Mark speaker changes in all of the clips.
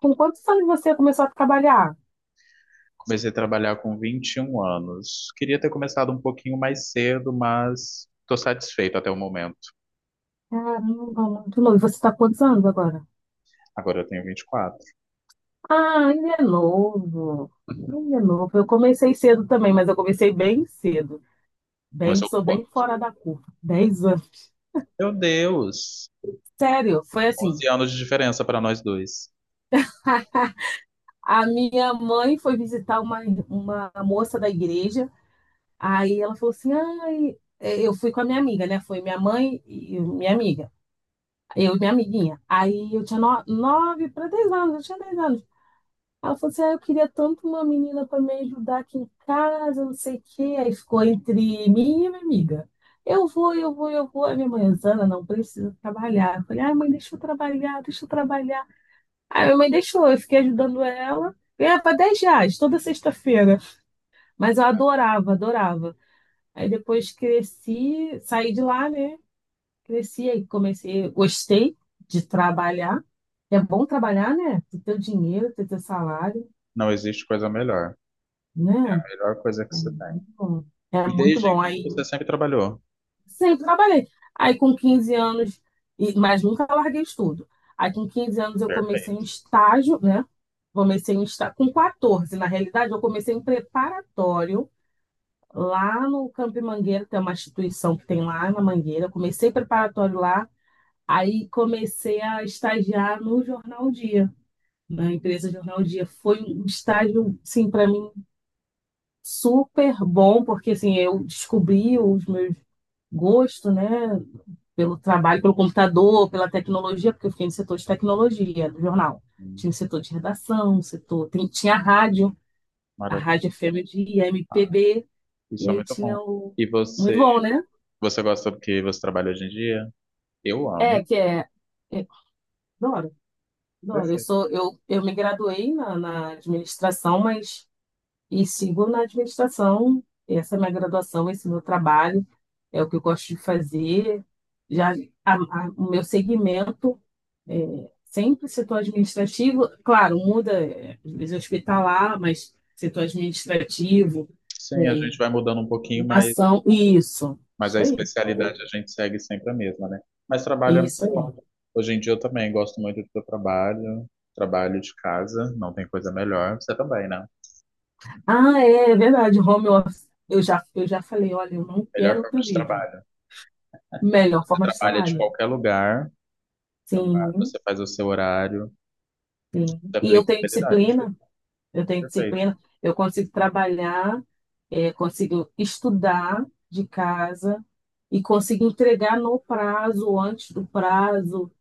Speaker 1: Com quantos anos você começou a trabalhar?
Speaker 2: Comecei a trabalhar com 21 anos. Queria ter começado um pouquinho mais cedo, mas estou satisfeito até o momento.
Speaker 1: Caramba, muito novo. E você está quantos anos agora?
Speaker 2: Agora eu tenho 24.
Speaker 1: Ah, ainda é novo. Ainda é novo. Eu comecei cedo também, mas eu comecei bem cedo. Bem,
Speaker 2: Começou com
Speaker 1: sou bem
Speaker 2: quanto?
Speaker 1: fora da curva. Dez anos.
Speaker 2: Meu Deus!
Speaker 1: Sério, foi assim.
Speaker 2: 11 anos de diferença para nós dois.
Speaker 1: A minha mãe foi visitar uma moça da igreja. Aí ela falou assim: ai, eu fui com a minha amiga, né? Foi minha mãe e minha amiga. Eu e minha amiguinha. Aí eu tinha nove para dez anos, eu tinha dez anos. Ela falou assim: ah, eu queria tanto uma menina para me ajudar aqui em casa, não sei o quê. Aí ficou entre mim e minha amiga. Eu vou, eu vou, eu vou. A minha mãe, Zana, não precisa trabalhar. Eu falei: ai, mãe, deixa eu trabalhar, deixa eu trabalhar. Aí minha mãe deixou, eu fiquei ajudando ela. Ganhava 10 reais toda sexta-feira. Mas eu adorava, adorava. Aí depois cresci, saí de lá, né? Cresci, aí comecei, gostei de trabalhar. É bom trabalhar, né? Ter teu dinheiro, ter teu salário,
Speaker 2: Não existe coisa melhor. A
Speaker 1: né?
Speaker 2: melhor coisa que
Speaker 1: É
Speaker 2: você tem.
Speaker 1: muito bom. É
Speaker 2: E
Speaker 1: muito
Speaker 2: desde
Speaker 1: bom.
Speaker 2: então
Speaker 1: Aí
Speaker 2: você sempre trabalhou.
Speaker 1: sempre trabalhei. Aí com 15 anos, mas nunca larguei estudo. Aí com 15 anos eu comecei um
Speaker 2: Perfeito.
Speaker 1: estágio, né? Comecei um estágio com 14, na realidade, eu comecei em preparatório lá no Campo Mangueira, tem uma instituição que tem lá na Mangueira. Eu comecei preparatório lá, aí comecei a estagiar no Jornal Dia. Na empresa Jornal Dia foi um estágio, sim, para mim super bom, porque assim, eu descobri os meus gosto, né, pelo trabalho, pelo computador, pela tecnologia, porque eu fiquei no setor de tecnologia do jornal.
Speaker 2: Hum.
Speaker 1: Tinha o setor de redação, o setor, tinha a
Speaker 2: Maravilhoso.
Speaker 1: rádio FM de MPB, e
Speaker 2: Isso é
Speaker 1: aí
Speaker 2: muito
Speaker 1: tinha
Speaker 2: bom.
Speaker 1: o
Speaker 2: E
Speaker 1: muito
Speaker 2: você,
Speaker 1: bom, né?
Speaker 2: você gosta do que você trabalha hoje em dia? Eu amo.
Speaker 1: É, que é, é Adoro, adoro. Eu
Speaker 2: Perfeito.
Speaker 1: sou, eu, eu me graduei na administração, e sigo na administração. Essa é a minha graduação, esse é o meu trabalho, é o que eu gosto de fazer. Já o meu segmento sempre setor administrativo, claro, muda, às vezes hospitalar, mas setor administrativo,
Speaker 2: Sim, a
Speaker 1: é,
Speaker 2: gente vai mudando um pouquinho, mas
Speaker 1: ação, isso,
Speaker 2: Mas a especialidade a gente segue sempre a mesma, né? Mas trabalho,
Speaker 1: isso aí.
Speaker 2: hoje em dia eu também gosto muito do que eu trabalho, trabalho de casa, não tem coisa melhor. Você também, né?
Speaker 1: Ah, é, é verdade, home office. Eu já falei, olha, eu não
Speaker 2: Melhor
Speaker 1: quero
Speaker 2: forma
Speaker 1: outra
Speaker 2: de
Speaker 1: vida.
Speaker 2: trabalho.
Speaker 1: Melhor
Speaker 2: Você
Speaker 1: forma de
Speaker 2: trabalha de
Speaker 1: trabalho.
Speaker 2: qualquer lugar, traba-
Speaker 1: Sim,
Speaker 2: você faz o seu horário, você
Speaker 1: sim.
Speaker 2: tem
Speaker 1: E eu tenho
Speaker 2: flexibilidade.
Speaker 1: disciplina, eu tenho
Speaker 2: Perfeito.
Speaker 1: disciplina, eu consigo trabalhar, consigo estudar de casa e consigo entregar no prazo, antes do prazo.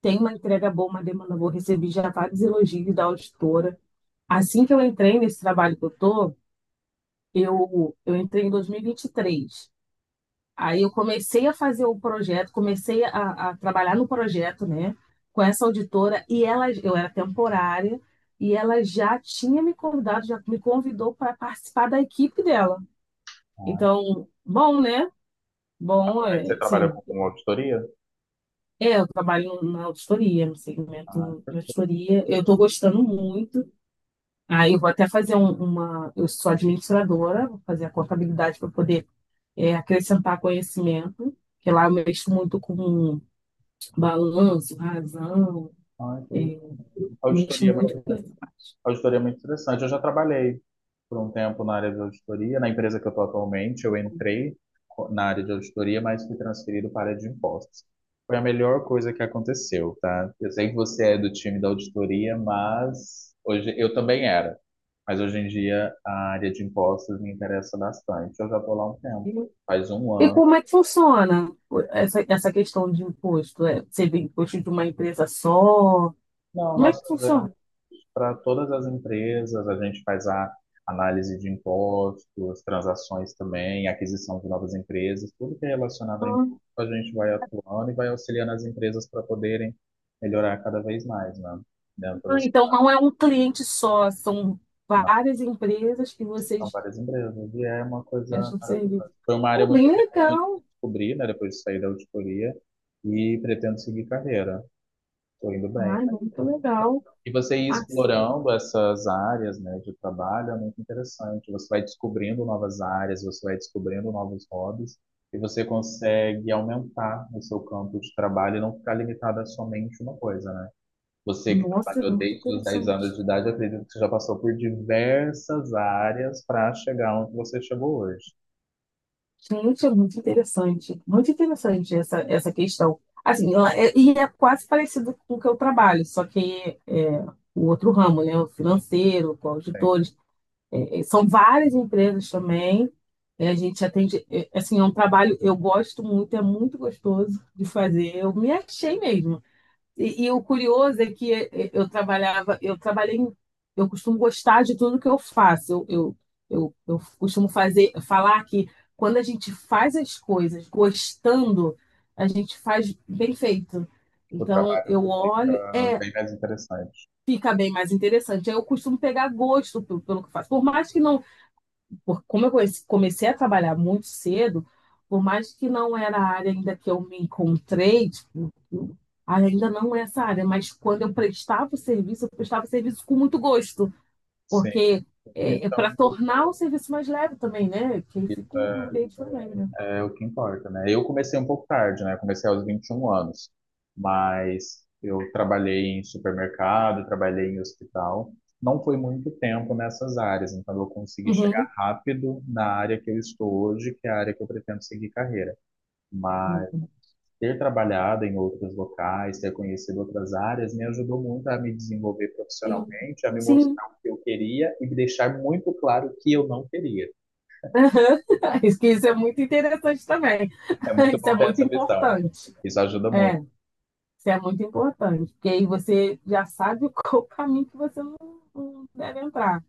Speaker 1: Tem uma entrega boa, uma demanda boa. Recebi já vários elogios da auditora. Assim que eu entrei nesse trabalho que eu tô, eu entrei em 2023. Aí eu comecei a fazer o projeto, comecei a trabalhar no projeto, né, com essa auditora e ela, eu era temporária e ela já tinha me convidado, já me convidou para participar da equipe dela.
Speaker 2: Ah,
Speaker 1: Então, bom, né? Bom,
Speaker 2: atualmente você
Speaker 1: é,
Speaker 2: trabalha
Speaker 1: sim.
Speaker 2: com auditoria?
Speaker 1: É, eu trabalho na auditoria, no
Speaker 2: Ah,
Speaker 1: segmento de
Speaker 2: per-
Speaker 1: auditoria. Eu estou gostando muito. Aí eu vou até fazer uma. Eu sou administradora, vou fazer a contabilidade para poder acrescentar conhecimento, que lá eu mexo muito com balanço, razão,
Speaker 2: ah,
Speaker 1: é,
Speaker 2: que-
Speaker 1: mexo
Speaker 2: auditoria.
Speaker 1: muito com
Speaker 2: Auditoria é muito interessante. Eu já trabalhei por um tempo na área de auditoria. Na empresa que eu estou atualmente, na área de auditoria, mas fui transferido para a área de impostos. Foi a melhor coisa que aconteceu, tá? Eu sei que você é do time da auditoria, mas hoje eu também era. Mas hoje em dia a área de impostos me interessa bastante. Eu já estou lá um tempo,
Speaker 1: isso.
Speaker 2: faz um
Speaker 1: E
Speaker 2: ano.
Speaker 1: como é que funciona essa questão de imposto? É, seria imposto de uma empresa só?
Speaker 2: Não,
Speaker 1: Como é
Speaker 2: nós
Speaker 1: que
Speaker 2: fazemos
Speaker 1: funciona?
Speaker 2: para todas as empresas, a gente faz a análise de impostos, transações também, aquisição de novas empresas, tudo que é relacionado a imposto, a gente vai atuando e vai auxiliando as empresas para poderem melhorar cada vez mais, né? Dentro
Speaker 1: Ah,
Speaker 2: das
Speaker 1: então não é um cliente só, são
Speaker 2: na-
Speaker 1: várias empresas que
Speaker 2: são
Speaker 1: vocês
Speaker 2: várias empresas, e é uma coisa
Speaker 1: prestam serviço.
Speaker 2: maravilhosa. Foi uma área
Speaker 1: Pô,
Speaker 2: muito
Speaker 1: bem
Speaker 2: interessante que eu
Speaker 1: legal.
Speaker 2: descobri, né, depois de sair da auditoria, e pretendo seguir carreira. Estou indo bem.
Speaker 1: Ai, muito legal.
Speaker 2: E você ir
Speaker 1: Ah,
Speaker 2: explorando essas áreas, né, de trabalho é muito interessante. Você vai descobrindo novas áreas, você vai descobrindo novos hobbies e você consegue aumentar o seu campo de trabalho e não ficar limitado a somente uma coisa, né? Você que
Speaker 1: nossa, é
Speaker 2: trabalhou
Speaker 1: muito
Speaker 2: desde os 10 anos
Speaker 1: interessante.
Speaker 2: de idade, eu acredito que você já passou por diversas áreas para chegar onde você chegou hoje.
Speaker 1: Gente, é muito interessante. Muito interessante essa questão. Assim, ela é- e é quase parecido com o que eu trabalho, só que é, o outro ramo, né? O financeiro, com
Speaker 2: Sim,
Speaker 1: auditores. É, é, são várias empresas também. É, a gente atende. É, assim, é um trabalho eu gosto muito, é muito gostoso de fazer. Eu me achei mesmo. E o curioso é que eu trabalhava, eu trabalhei, eu costumo gostar de tudo que eu faço. Eu costumo falar que quando a gente faz as coisas gostando, a gente faz bem feito.
Speaker 2: o
Speaker 1: Então
Speaker 2: trabalho
Speaker 1: eu olho,
Speaker 2: fica
Speaker 1: é,
Speaker 2: bem mais interessante.
Speaker 1: fica bem mais interessante. Aí eu costumo pegar gosto pelo, que eu faço. Por mais que não porque como eu comecei a trabalhar muito cedo, por mais que não era a área ainda que eu me encontrei, tipo, ainda não é essa área, mas quando eu prestava o serviço, eu prestava o serviço com muito gosto,
Speaker 2: Sim,
Speaker 1: porque é, para
Speaker 2: então.
Speaker 1: tornar o serviço mais leve também, né? Que aí fica um ambiente mais leve, né?
Speaker 2: É o que importa, né? Eu comecei um pouco tarde, né? Comecei aos 21 anos, mas eu trabalhei em supermercado, trabalhei em hospital. Não foi muito tempo nessas áreas, então eu consegui chegar
Speaker 1: Uhum.
Speaker 2: rápido na área que eu estou hoje, que é a área que eu pretendo seguir carreira. Mas ter trabalhado em outros locais, ter conhecido outras áreas, me ajudou muito a me desenvolver
Speaker 1: Sim.
Speaker 2: profissionalmente, a me
Speaker 1: Sim.
Speaker 2: mostrar o que eu queria e me deixar muito claro o que eu não queria.
Speaker 1: Aham. Isso que isso é muito interessante também.
Speaker 2: É muito
Speaker 1: Isso é
Speaker 2: bom ter
Speaker 1: muito
Speaker 2: essa visão.
Speaker 1: importante.
Speaker 2: Isso ajuda muito,
Speaker 1: É. Isso é muito importante, porque aí você já sabe qual o caminho que você não deve entrar.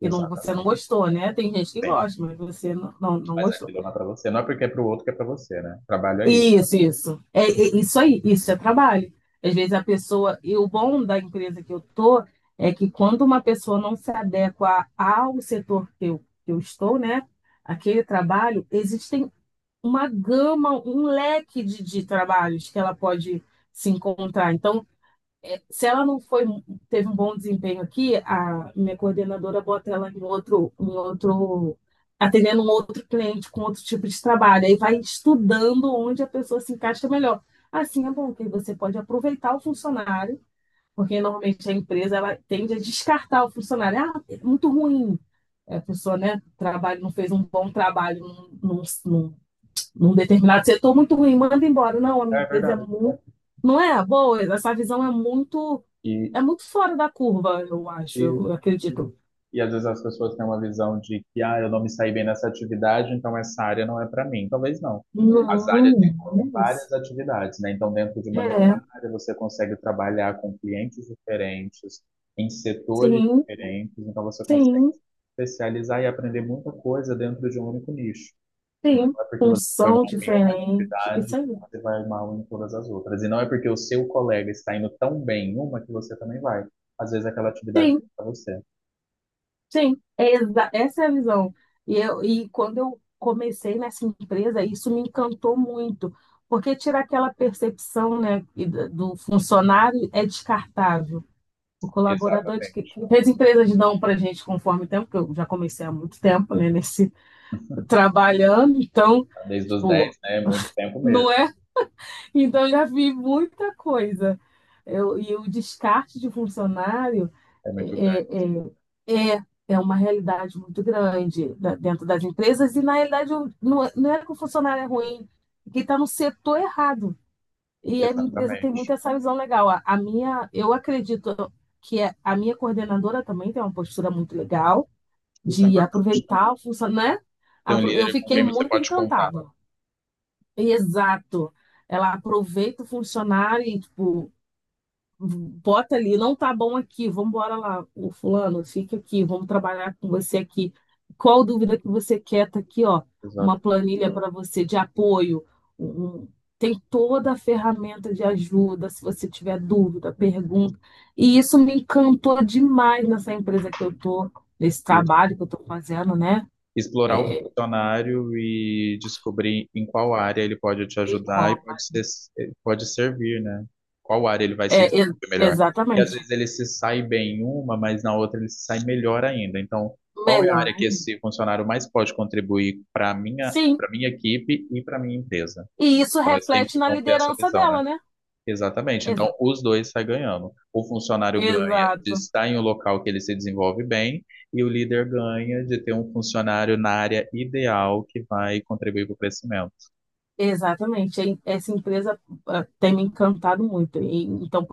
Speaker 1: Que não, você não
Speaker 2: exatamente.
Speaker 1: gostou, né? Tem gente que
Speaker 2: Tem,
Speaker 1: gosta, mas você não
Speaker 2: mas
Speaker 1: gostou.
Speaker 2: aquilo não é para você. Não é porque é para o outro que é para você, né? Trabalho é isso.
Speaker 1: Isso, isso. É, é isso aí, isso é trabalho. Às vezes a pessoa, e o bom da empresa que eu tô é que quando uma pessoa não se adequa ao setor que eu estou, né? Aquele trabalho, existem uma gama, um leque de trabalhos que ela pode se encontrar. Então, se ela não foi, teve um bom desempenho aqui, a minha coordenadora bota ela em outro, atendendo um outro cliente com outro tipo de trabalho. Aí vai estudando onde a pessoa se encaixa melhor. Assim é bom, porque você pode aproveitar o funcionário, porque normalmente a empresa ela tende a descartar o funcionário. Ah, é muito ruim. É, a pessoa, né, trabalho, não fez um bom trabalho num, num, num determinado setor, muito ruim, manda embora. Não, a minha
Speaker 2: É
Speaker 1: empresa é
Speaker 2: verdade.
Speaker 1: muito. Não é boa, essa visão
Speaker 2: E,
Speaker 1: é muito fora da curva, eu acho,
Speaker 2: e,
Speaker 1: eu acredito.
Speaker 2: e às vezes as pessoas têm uma visão de que, ah, eu não me saí bem nessa atividade, então essa área não é para mim. Talvez não. As áreas
Speaker 1: Não,
Speaker 2: envolvem várias
Speaker 1: mas-
Speaker 2: atividades, né? Então, dentro de uma mesma
Speaker 1: É,
Speaker 2: área, você consegue trabalhar com clientes diferentes, em setores
Speaker 1: sim,
Speaker 2: diferentes, então você consegue
Speaker 1: sim,
Speaker 2: se especializar e aprender muita coisa dentro de um único nicho. Então,
Speaker 1: sim.
Speaker 2: não é porque você foi
Speaker 1: Função
Speaker 2: mal em uma
Speaker 1: diferente. Isso
Speaker 2: atividade,
Speaker 1: aí.
Speaker 2: você vai mal em todas as outras. E não é porque o seu colega está indo tão bem em uma que você também vai. Às vezes aquela atividade
Speaker 1: Sim,
Speaker 2: para você.
Speaker 1: sim. Essa é a visão. E quando eu comecei nessa empresa, isso me encantou muito, porque tira aquela percepção, né, e do funcionário é descartável. O colaborador de
Speaker 2: Exatamente.
Speaker 1: que as empresas dão para gente conforme o tempo, que eu já comecei há muito tempo, né, nesse trabalhando, então.
Speaker 2: Desde os
Speaker 1: Pô,
Speaker 2: dez, né? É muito tempo mesmo.
Speaker 1: não é? Então eu já vi muita coisa. Eu, e o descarte de funcionário
Speaker 2: É muito grande.
Speaker 1: é, é uma realidade muito grande dentro das empresas, e na realidade não é que o funcionário é ruim, é que está no setor errado. E a minha empresa tem muito
Speaker 2: Exatamente.
Speaker 1: essa visão legal. A minha, eu acredito que a minha coordenadora também tem uma postura muito legal
Speaker 2: Isso é
Speaker 1: de
Speaker 2: importante, né?
Speaker 1: aproveitar o funcionário, né?
Speaker 2: Ter um
Speaker 1: Eu
Speaker 2: líder com
Speaker 1: fiquei
Speaker 2: quem você
Speaker 1: muito
Speaker 2: pode contar.
Speaker 1: encantada. Exato. Ela aproveita o funcionário e, tipo, bota ali, não tá bom aqui, vamos embora lá, o fulano, fica aqui, vamos trabalhar com você aqui. Qual dúvida que você quer? Tá aqui, ó, uma
Speaker 2: Exato.
Speaker 1: planilha para você de apoio. um- um, tem toda a ferramenta de ajuda, se você tiver dúvida, pergunta. E isso me encantou demais nessa empresa que eu tô, nesse
Speaker 2: Isso.
Speaker 1: trabalho que eu tô fazendo, né?
Speaker 2: Explorar o funcionário e descobrir em qual área ele pode te
Speaker 1: De
Speaker 2: ajudar e pode
Speaker 1: copa.
Speaker 2: ser, pode servir, né? Qual área ele vai
Speaker 1: É,
Speaker 2: se desenvolver melhor. E às
Speaker 1: exatamente.
Speaker 2: vezes ele se sai bem em uma, mas na outra ele se sai melhor ainda. Então, qual é a
Speaker 1: Melhor
Speaker 2: área que
Speaker 1: ainda.
Speaker 2: esse funcionário mais pode contribuir para
Speaker 1: Sim,
Speaker 2: para minha equipe e para minha empresa?
Speaker 1: e isso
Speaker 2: Então, é
Speaker 1: reflete
Speaker 2: sempre
Speaker 1: na
Speaker 2: bom ter essa
Speaker 1: liderança
Speaker 2: visão, né?
Speaker 1: dela, né?
Speaker 2: Exatamente. Então,
Speaker 1: Exato.
Speaker 2: os dois saem ganhando. O funcionário ganha de
Speaker 1: Exato.
Speaker 2: estar em um local que ele se desenvolve bem, e o líder ganha de ter um funcionário na área ideal que vai contribuir para o crescimento.
Speaker 1: Exatamente. E essa empresa ah, tem me encantado muito. E, então,